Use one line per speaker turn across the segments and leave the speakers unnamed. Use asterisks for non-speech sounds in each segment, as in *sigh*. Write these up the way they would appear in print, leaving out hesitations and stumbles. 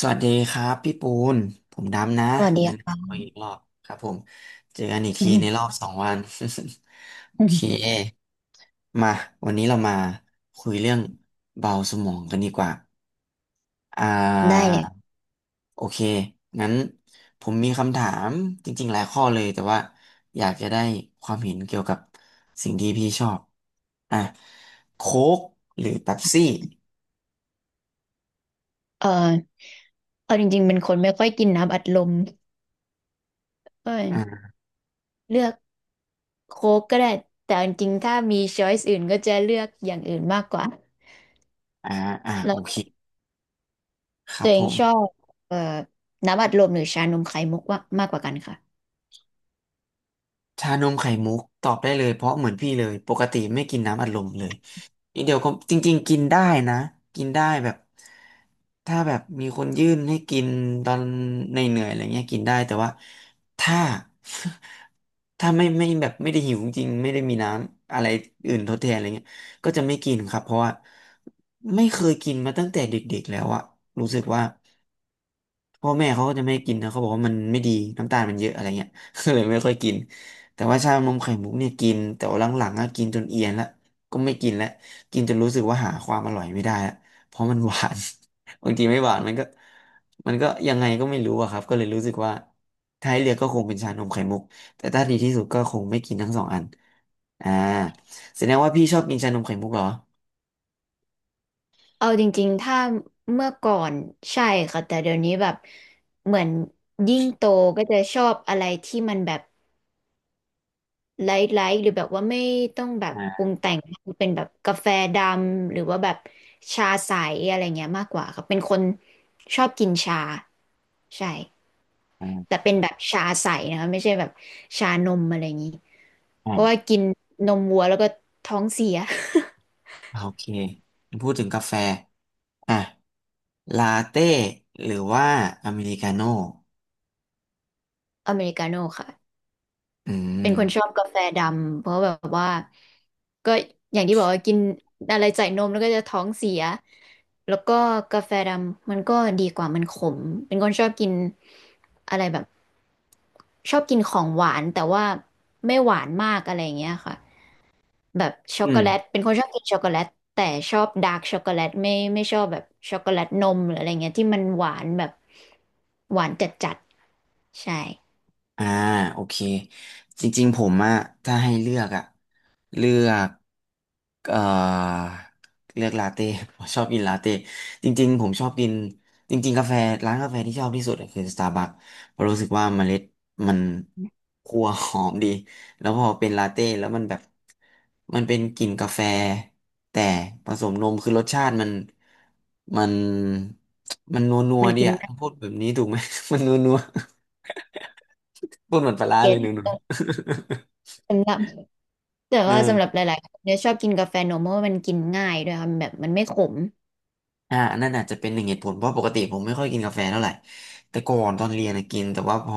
สวัสดีครับพี่ปูนผมดำนะ
สวัสดี
แนะ
ครับ
นำตัวอีกรอบครับผมเจอกันอีก
อื
ทีใน
ม
รอบสองวัน *laughs* โอ
อื
เค
ม
มาวันนี้เรามาคุยเรื่องเบาสมองกันดีกว่าอ่
*laughs* ได้
า
เลย
โอเคงั้นผมมีคำถามจริงๆหลายข้อเลยแต่ว่าอยากจะได้ความเห็นเกี่ยวกับสิ่งที่พี่ชอบอ่ะโค้กหรือเป๊ปซี่
เออเอาจริงๆเป็นคนไม่ค่อยกินน้ำอัดลมก็
อ่า
เลือกโค้กก็ได้แต่จริงๆถ้ามีช้อยส์อื่นก็จะเลือกอย่างอื่นมากกว่า
อ่า
แล้
โอเค
ว
ครั
ตั
บ
วเอ
ผ
งชอ
ม
บเอ่อน้ำอัดลมหรือชานมไข่มุกว่ามากกว่ากันค่ะ
ชานมไข่มุกตอบได้เลยเพราะเหมือนพี่เลยปกติไม่กินน้ำอัดลมเลยอีกเดียวก็จริงๆกินได้นะกินได้แบบถ้าแบบมีคนยื่นให้กินตอนในเหนื่อยๆอะไรเงี้ยกินได้แต่ว่าถ้า *laughs* ถ้าไม่แบบไม่ได้หิวจริงไม่ได้มีน้ำอะไรอื่นทดแทนอะไรเงี้ยก็จะไม่กินครับเพราะว่าไม่เคยกินมาตั้งแต่เด็กๆแล้วอะรู้สึกว่า พ่อแม่เขาก็จะไม่ให้กินนะเขาบอกว่ามันไม่ดีน้ำตาลมันเยอะอะไรเงี้ย *laughs* ก็เลยไม่ค่อยกินแต่ว่าชานมไข่มุกเนี่ยกินแต่ว่าหลังๆก็กินจนเอียนละก็ไม่กินละกินจนรู้สึกว่าหาความอร่อยไม่ได้ละเพราะมันหวาน *laughs* บางทีไม่หวานมันก็ยังไงก็ไม่รู้อะครับก็เลยรู้สึกว่าถ้าให้เลือกก็คงเป็นชานมไข่มุกแต่ถ้าดีที่สุดก็คงไม่กินทั้งสองอันอ่าแสดงว่าพี่ชอบกินชานมไข่มุกเหรอ
เอาจริงๆถ้าเมื่อก่อนใช่ค่ะแต่เดี๋ยวนี้แบบเหมือนยิ่งโตก็จะชอบอะไรที่มันแบบ ไลท์ไลท์หรือแบบว่าไม่ต้องแบบปรุ
อ่า
งแต่งเป็นแบบกาแฟดำหรือว่าแบบชาใสอะไรเงี้ยมากกว่าครับเป็นคนชอบกินชาใช่
อ่
แต่
า
เป็นแบบชาใสนะคะไม่ใช่แบบชานมอะไรอย่างนี้เพราะว่า
อ่
กินนมวัวแล้วก็ท้องเสีย
โอเคพูดถึงกาแฟ อ่ะลาเต้หรือว่าอเมริกาโน่
*laughs* อเมริกาโน่ค่ะ
อื
เป็น
ม
คนชอบกาแฟดำเพราะแบบว่าก็อย่างที่บอกว่ากินอะไรใส่นมแล้วก็จะท้องเสียแล้วก็กาแฟดำมันก็ดีกว่ามันขมเป็นคนชอบกินอะไรแบบชอบกินของหวานแต่ว่าไม่หวานมากอะไรอย่างเงี้ยค่ะแบบช็อ
อื
กโก
ม
แลตเป็นคนชอบกินช็อกโกแลตแต่ชอบดาร์กช็อกโกแลตไม่ชอบแบบช็อกโกแลตนมหรืออะไรเงี้ยที่มันหวานแบบหวานจัดจัดใช่
อ่าโอเคจริงๆผมอะถ้าให้เลือกอะเลือกเอ่อเลือกลาเต้ *laughs* ผมชอบกินลาเต้จริงๆผมชอบกินจริงๆกาแฟร้านกาแฟที่ชอบที่สุดอะคือสตาร์บัคเพราะรู้สึกว่าเมล็ดมันคั่วหอมดีแล้วพอเป็นลาเต้แล้วมันแบบมันเป็นกลิ่นกาแฟแต่ผสมนมคือรสชาติมันมันนัวนัว
มัน
ดี
กิน
อะ
มัน
พูดแบบนี้ถูกไหม *laughs* มันนัวนัว พูดเหมือนปลาร้าเล
เก็
ยหนูหนู
ต
*laughs*
สำหรับ แต่
เอ
ว่าสำหรับ
อ
หลายๆคนเนี่ยชอบกินกาแฟนมเพราะว่ามันกินง่ายด้วยค่ะมันแบบมันไม่ขม
อ่านั่นอาจจะเป็นหนึ่งเหตุผลเพราะปกติผมไม่ค่อยกินกาแฟเท่าไหร่ แต่ก่อนตอนเรียนนะกิน แต่ว่าพอ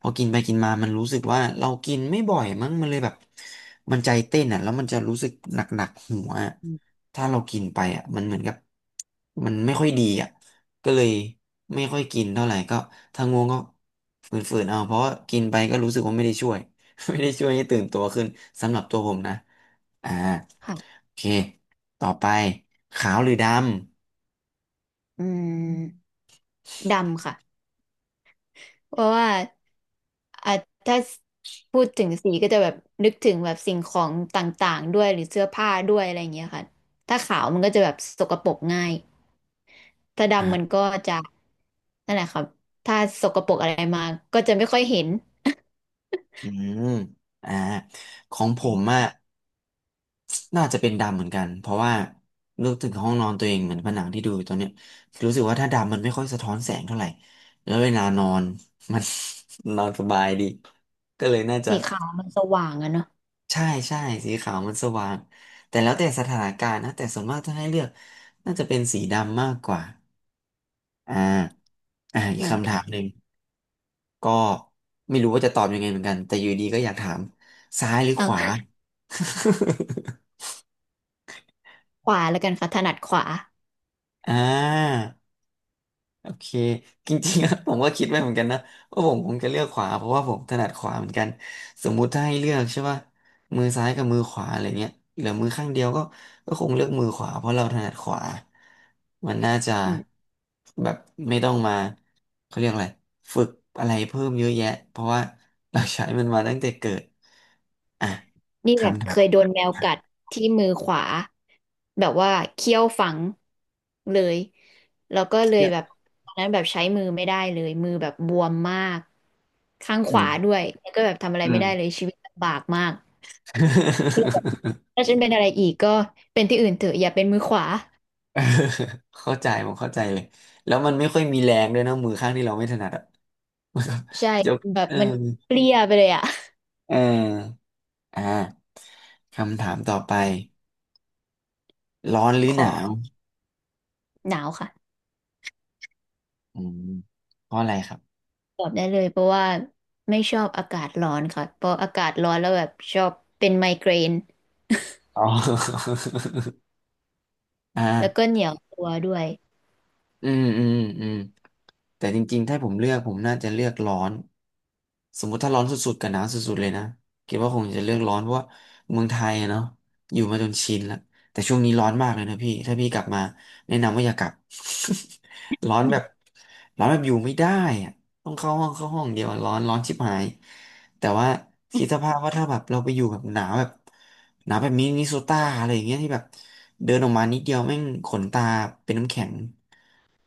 พอกินไปกินมา มันรู้สึกว่าเรากินไม่บ่อยมั้งมันเลยแบบมันใจเต้นอ่ะแล้วมันจะรู้สึกหนักๆหัวอะ
อืม
ถ้าเรากินไปอ่ะมันเหมือนกับมันไม่ค่อยดีอ่ะก็เลยไม่ค่อยกินเท่าไหร่ก็ถ้าง่วงก็ฝืนๆเอาเพราะว่ากินไปก็รู้สึกว่าไม่ได้ช่วย *laughs* ไม่ได้ช่วยให้ตื่นตัวขึ้นสำหรับตัวผมนะอ่า
ค่ะ
โอเคต่อไปขาวหรือดำ
อืมดำค่ะเพราะว่าอ่ะถ้าพูดถึงสีก็จะแบบนึกถึงแบบสิ่งของต่างๆด้วยหรือเสื้อผ้าด้วยอะไรอย่างเงี้ยค่ะถ้าขาวมันก็จะแบบสกปรกง่ายถ้าดำมันก็จะนั่นแหละครับถ้าสกปรกอะไรมาก็จะไม่ค่อยเห็น
อืมอ่าของผมอ่ะน่าจะเป็นดำเหมือนกันเพราะว่านึกถึงห้องนอนตัวเองเหมือนผนังที่ดูอยู่ตอนเนี้ยรู้สึกว่าถ้าดำมันไม่ค่อยสะท้อนแสงเท่าไหร่แล้วเวลานอน *laughs* มัน *laughs* นอนสบายดีก็เลยน่า
*laughs*
จะ
สีขาวมันสว่างอะเนาะ
ใช่ใช่สีขาวมันสว่างแต่แล้วแต่สถานการณ์นะแต่ส่วนมากถ้าให้เลือกน่าจะเป็นสีดำมากกว่าอ่าอีก
เหมือน
คำ
กัน
ถามหนึ่ง ก็ไม่รู้ว่าจะตอบยังไงเหมือนกันแต่อยู่ดีก็อยากถามซ้ายหรือขวา
เอาขวาแล้วกันค่ะถนัดขวา
*laughs* อ่า โอเคจริงๆอะ *laughs* ผมก็คิดไว้เหมือนกันนะว่าผมคงจะเลือกขวาเพราะว่าผมถนัดขวาเหมือนกันสมมุติถ้าให้เลือกใช่ป่ะมือซ้ายกับมือขวาอะไรเงี้ยเหลือมือข้างเดียวก็คงเลือกมือขวาเพราะเราถนัดขวามันน่าจะแบบไม่ต้องมาเขาเรียกอะไรฝึกอะไรเพิ่มเยอะแยะเพราะว่าเราใช้มันมาตั้งแต่เกิดอ่ะ
นี่แบบ
คำถา
เค
ม
ยโดนแมวกัดที่มือขวาแบบว่าเขี้ยวฝังเลยแล้วก็
เค
เล
รี
ย
ยด
แบบตอนนั้นแบบใช้มือไม่ได้เลยมือแบบบวมมากข้างข
อื
วา
ม
ด้วยแล้วก็แบบทำอะไร
อื
ไม่
ม
ได้เลยชีวิตลำบากมากแล้วแบบ
*laughs*
ถ้าฉันเป็นอะไรอีกก็เป็นที่อื่นเถอะอย่าเป็นมือขวา
*laughs* เออเข้าใจผมเข้าใจเลยแล้วมันไม่ค่อยมีแรงด้วยนะมือข้างที่เราไม่ถนัดอ่ะ *laughs* มันก็
ใช่
ยก
แบบ
เออ
มันเปรี้ยไปเลยอ่ะ
เออ่าคำถามต่อไปร้อนหรื
*laughs*
อ
ข
ห
อ
นาว
หนาวค่ะ
อืมเพราะอะไรครับ
ตอบได้เลยเพราะว่าไม่ชอบอากาศร้อนค่ะเพราะอากาศร้อนแล้วแบบชอบเป็นไมเกรน
อ๋อ *laughs*
แล้วก็
อ่า
เหนียวตัวด้วย
อืมอืมอืมแต่จริงๆถ้าผมเลือกผมน่าจะเลือกร้อนสมมุติถ้าร้อนสุดๆกับหนาวสุดๆเลยนะคิดว่าคงจะเลือกร้อนเพราะว่าเมืองไทยอะเนาะอยู่มาจนชินแล้วแต่ช่วงนี้ร้อนมากเลยนะพี่ถ้าพี่กลับมาแนะนำว่าอย่ากลับ *laughs* ร้อนแบบร้อนแบบอยู่ไม่ได้อะต้องเข้าห้องเดียวอะร้อนร้อนชิบหาย แต่ว่าคิดสภาพว่าถ้าแบบเราไปอยู่แบบหนาวแบบมินนิโซตาอะไรอย่างเงี้ยที่แบบเดินออกมานิดเดียวแม่งขนตาเป็นน้ำแข็ง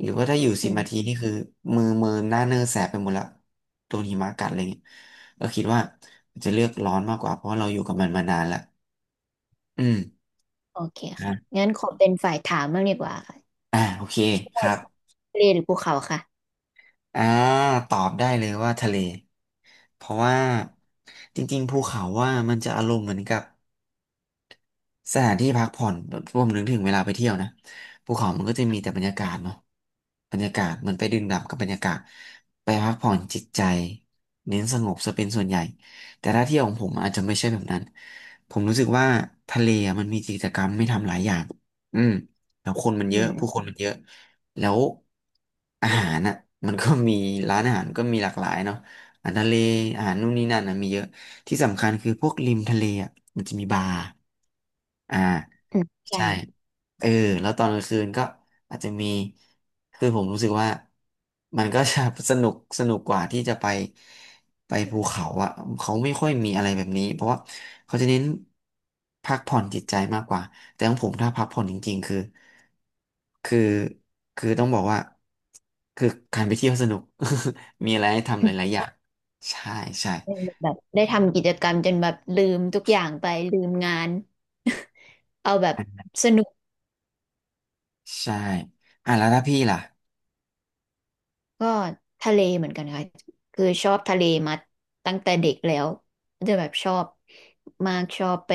หรือว่าถ้าอยู่
อื
10 นาที
ม
นี่คือมือหน้าเนอแสบไปหมดละโดนหิมะกัดอะไรเงี้ยก็คิดว่าจะเลือกร้อนมากกว่าเพราะว่าเราอยู่กับมันมานานละอืม
โอเค
อ่ะ
ค่ะงั้นขอเป็นฝ่ายถามบ้างดีกว่าค่ะ
อ่าโอเค
ช
ค
อ
รั
บ
บ
ทะเลหรือภูเขาค่ะ
อ่าตอบได้เลยว่าทะเลเพราะว่าจริงๆภูเขาว่ามันจะอารมณ์เหมือนกับ สถานที่พักผ่อนแบบรวมถึงเวลาไปเที่ยวนะภูเขามันก็จะมีแต่บรรยากาศเนาะบรรยากาศมันไปดื่มด่ำกับบรรยากาศไปพักผ่อนจิตใจเน้นสงบซะเป็นส่วนใหญ่แต่ถ้าเที่ยวของผมอาจจะไม่ใช่แบบนั้นผมรู้สึกว่าทะเลอะมันมีกิจกรรมไม่ทำหลายอย่างอืมแล้วคนมันเย
อื
อะผู้ค
ม
นมันเยอะแล้วอาหารอ่ะมันก็มีร้านอาหารก็มีหลากหลายเนาะอาหารทะเลอาหารนู่นนี่นั่นนะมีเยอะ ที่สำคัญคือพวกริมทะเลอ่ะมันจะมีบาร์อ่า
อืมใช่
ใช่เออแล้วตอนกลางคืนก็อาจจะมีคือผมรู้สึกว่ามันก็ *laughs* จะสนุกสนุกกว่าที่จะไปภูเขาอ่ะเขาไม่ค่อยมีอะไรแบบนี้เพราะว่าเขาจะเน้นพักผ่อนจิตใจมากกว่าแต่ของผมถ้าพักผ่อนจริงๆคือคือต้องบอกว่าคือการไปเที่ยวสนุก *laughs* มีอะไรให้ทำหลายๆอย่างใช่ใช่
อืมแบบได้ทำกิจกรรมจนแบบลืมทุกอย่างไปลืมงาน *laughs* เอาแบบสนุก
ใช่อ่ะแล้วถ้าพี่ล่ะ
ก็ทะเลเหมือนกันค่ะคือชอบทะเลมาตั้งแต่เด็กแล้วจะแบบชอบมากชอบไป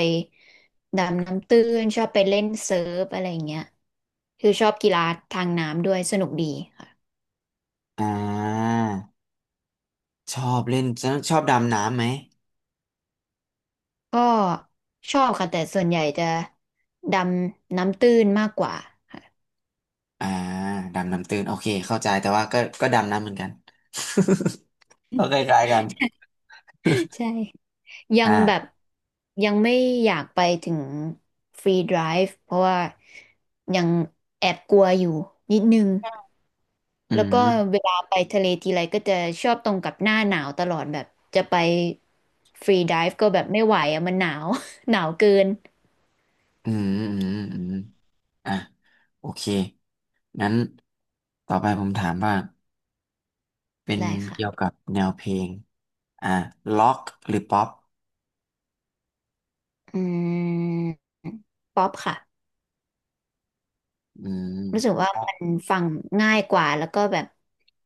ดำน้ำตื้นชอบไปเล่นเซิร์ฟอะไรอย่างเงี้ยคือชอบกีฬาทางน้ำด้วยสนุกดีค่ะ
อ่าชอบเล่นชอบดำน้ำไหม
ก็ชอบค่ะแต่ส่วนใหญ่จะดำน้ำตื้นมากกว่า *laughs* ค่ะ
อ่าดำน้ำตื้นโอเคเข้าใจแต่ว่าก็ดำน้ำเหมือนกัน *laughs* ก็คล้ายๆกัน
ใช่ยังแบบ
อ่า
ยังไม่อยากไปถึงฟรีไดฟ์เพราะว่ายังแอบกลัวอยู่นิดนึง
อื
แล้วก็
ม
เวลาไปทะเลทีไรก็จะชอบตรงกับหน้าหนาวตลอดแบบจะไปฟรีไดฟ์ก็แบบไม่ไหวอะมันหนาว *laughs* หนาวเกิน
อืมอ่ะโอเคงั้นต่อไปผมถามว่าเป็น
ได้ค่ะ
เกี่ยวกับแนวเพลงอ่าล็อกหรือป๊อป
อืมป๊อปค่ะ
อืม
รู้สึกว่ามันฟังง่ายกว่าแล้วก็แบบ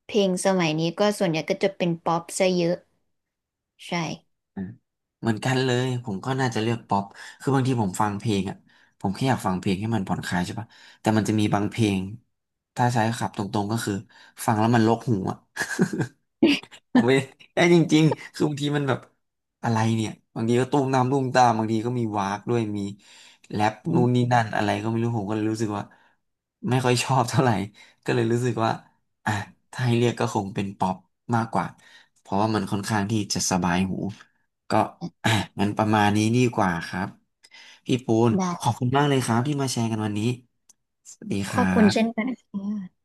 เพลงสมัยนี้ก็ส่วนใหญ่ก็จะเป็นป๊อปซะเยอะใช่
อ่ะเหมือนกันเลยผมก็น่าจะเลือกป๊อปคือบางทีผมฟังเพลงอ่ะผมแค่อยากฟังเพลงให้มันผ่อนคลายใช่ปะแต่มันจะมีบางเพลงถ้าใช้ขับตรงๆก็คือฟังแล้วมันรกหูอ่ะ *laughs* ผมไม่
*laughs*
ได้จริงๆคือบางทีมันแบบอะไรเนี่ย บางทีก็ตุ้มน้ำตุ้มตามบางทีก็มีวากด้วย มีแรป
อื
นู่นนี่
ม
นั่นอะไรก็ไม่รู้ ผมก็เลยรู้สึกว่าไม่ค่อยชอบเท่าไหร่ ก็เลยรู้สึกว่าอ่ะถ้าให้เรียกก็คงเป็นป๊อปมากกว่า เพราะว่ามันค่อนข้างที่จะสบายหูก็อ่ะงั้นประมาณนี้ดีกว่าครับพี่ปูน
ได้
ขอบคุณมากเลยครับที่มาแชร์กันวันนี้สวัสดีค
ขอ
รั
บคุณเช่น
บ
กันค่ะ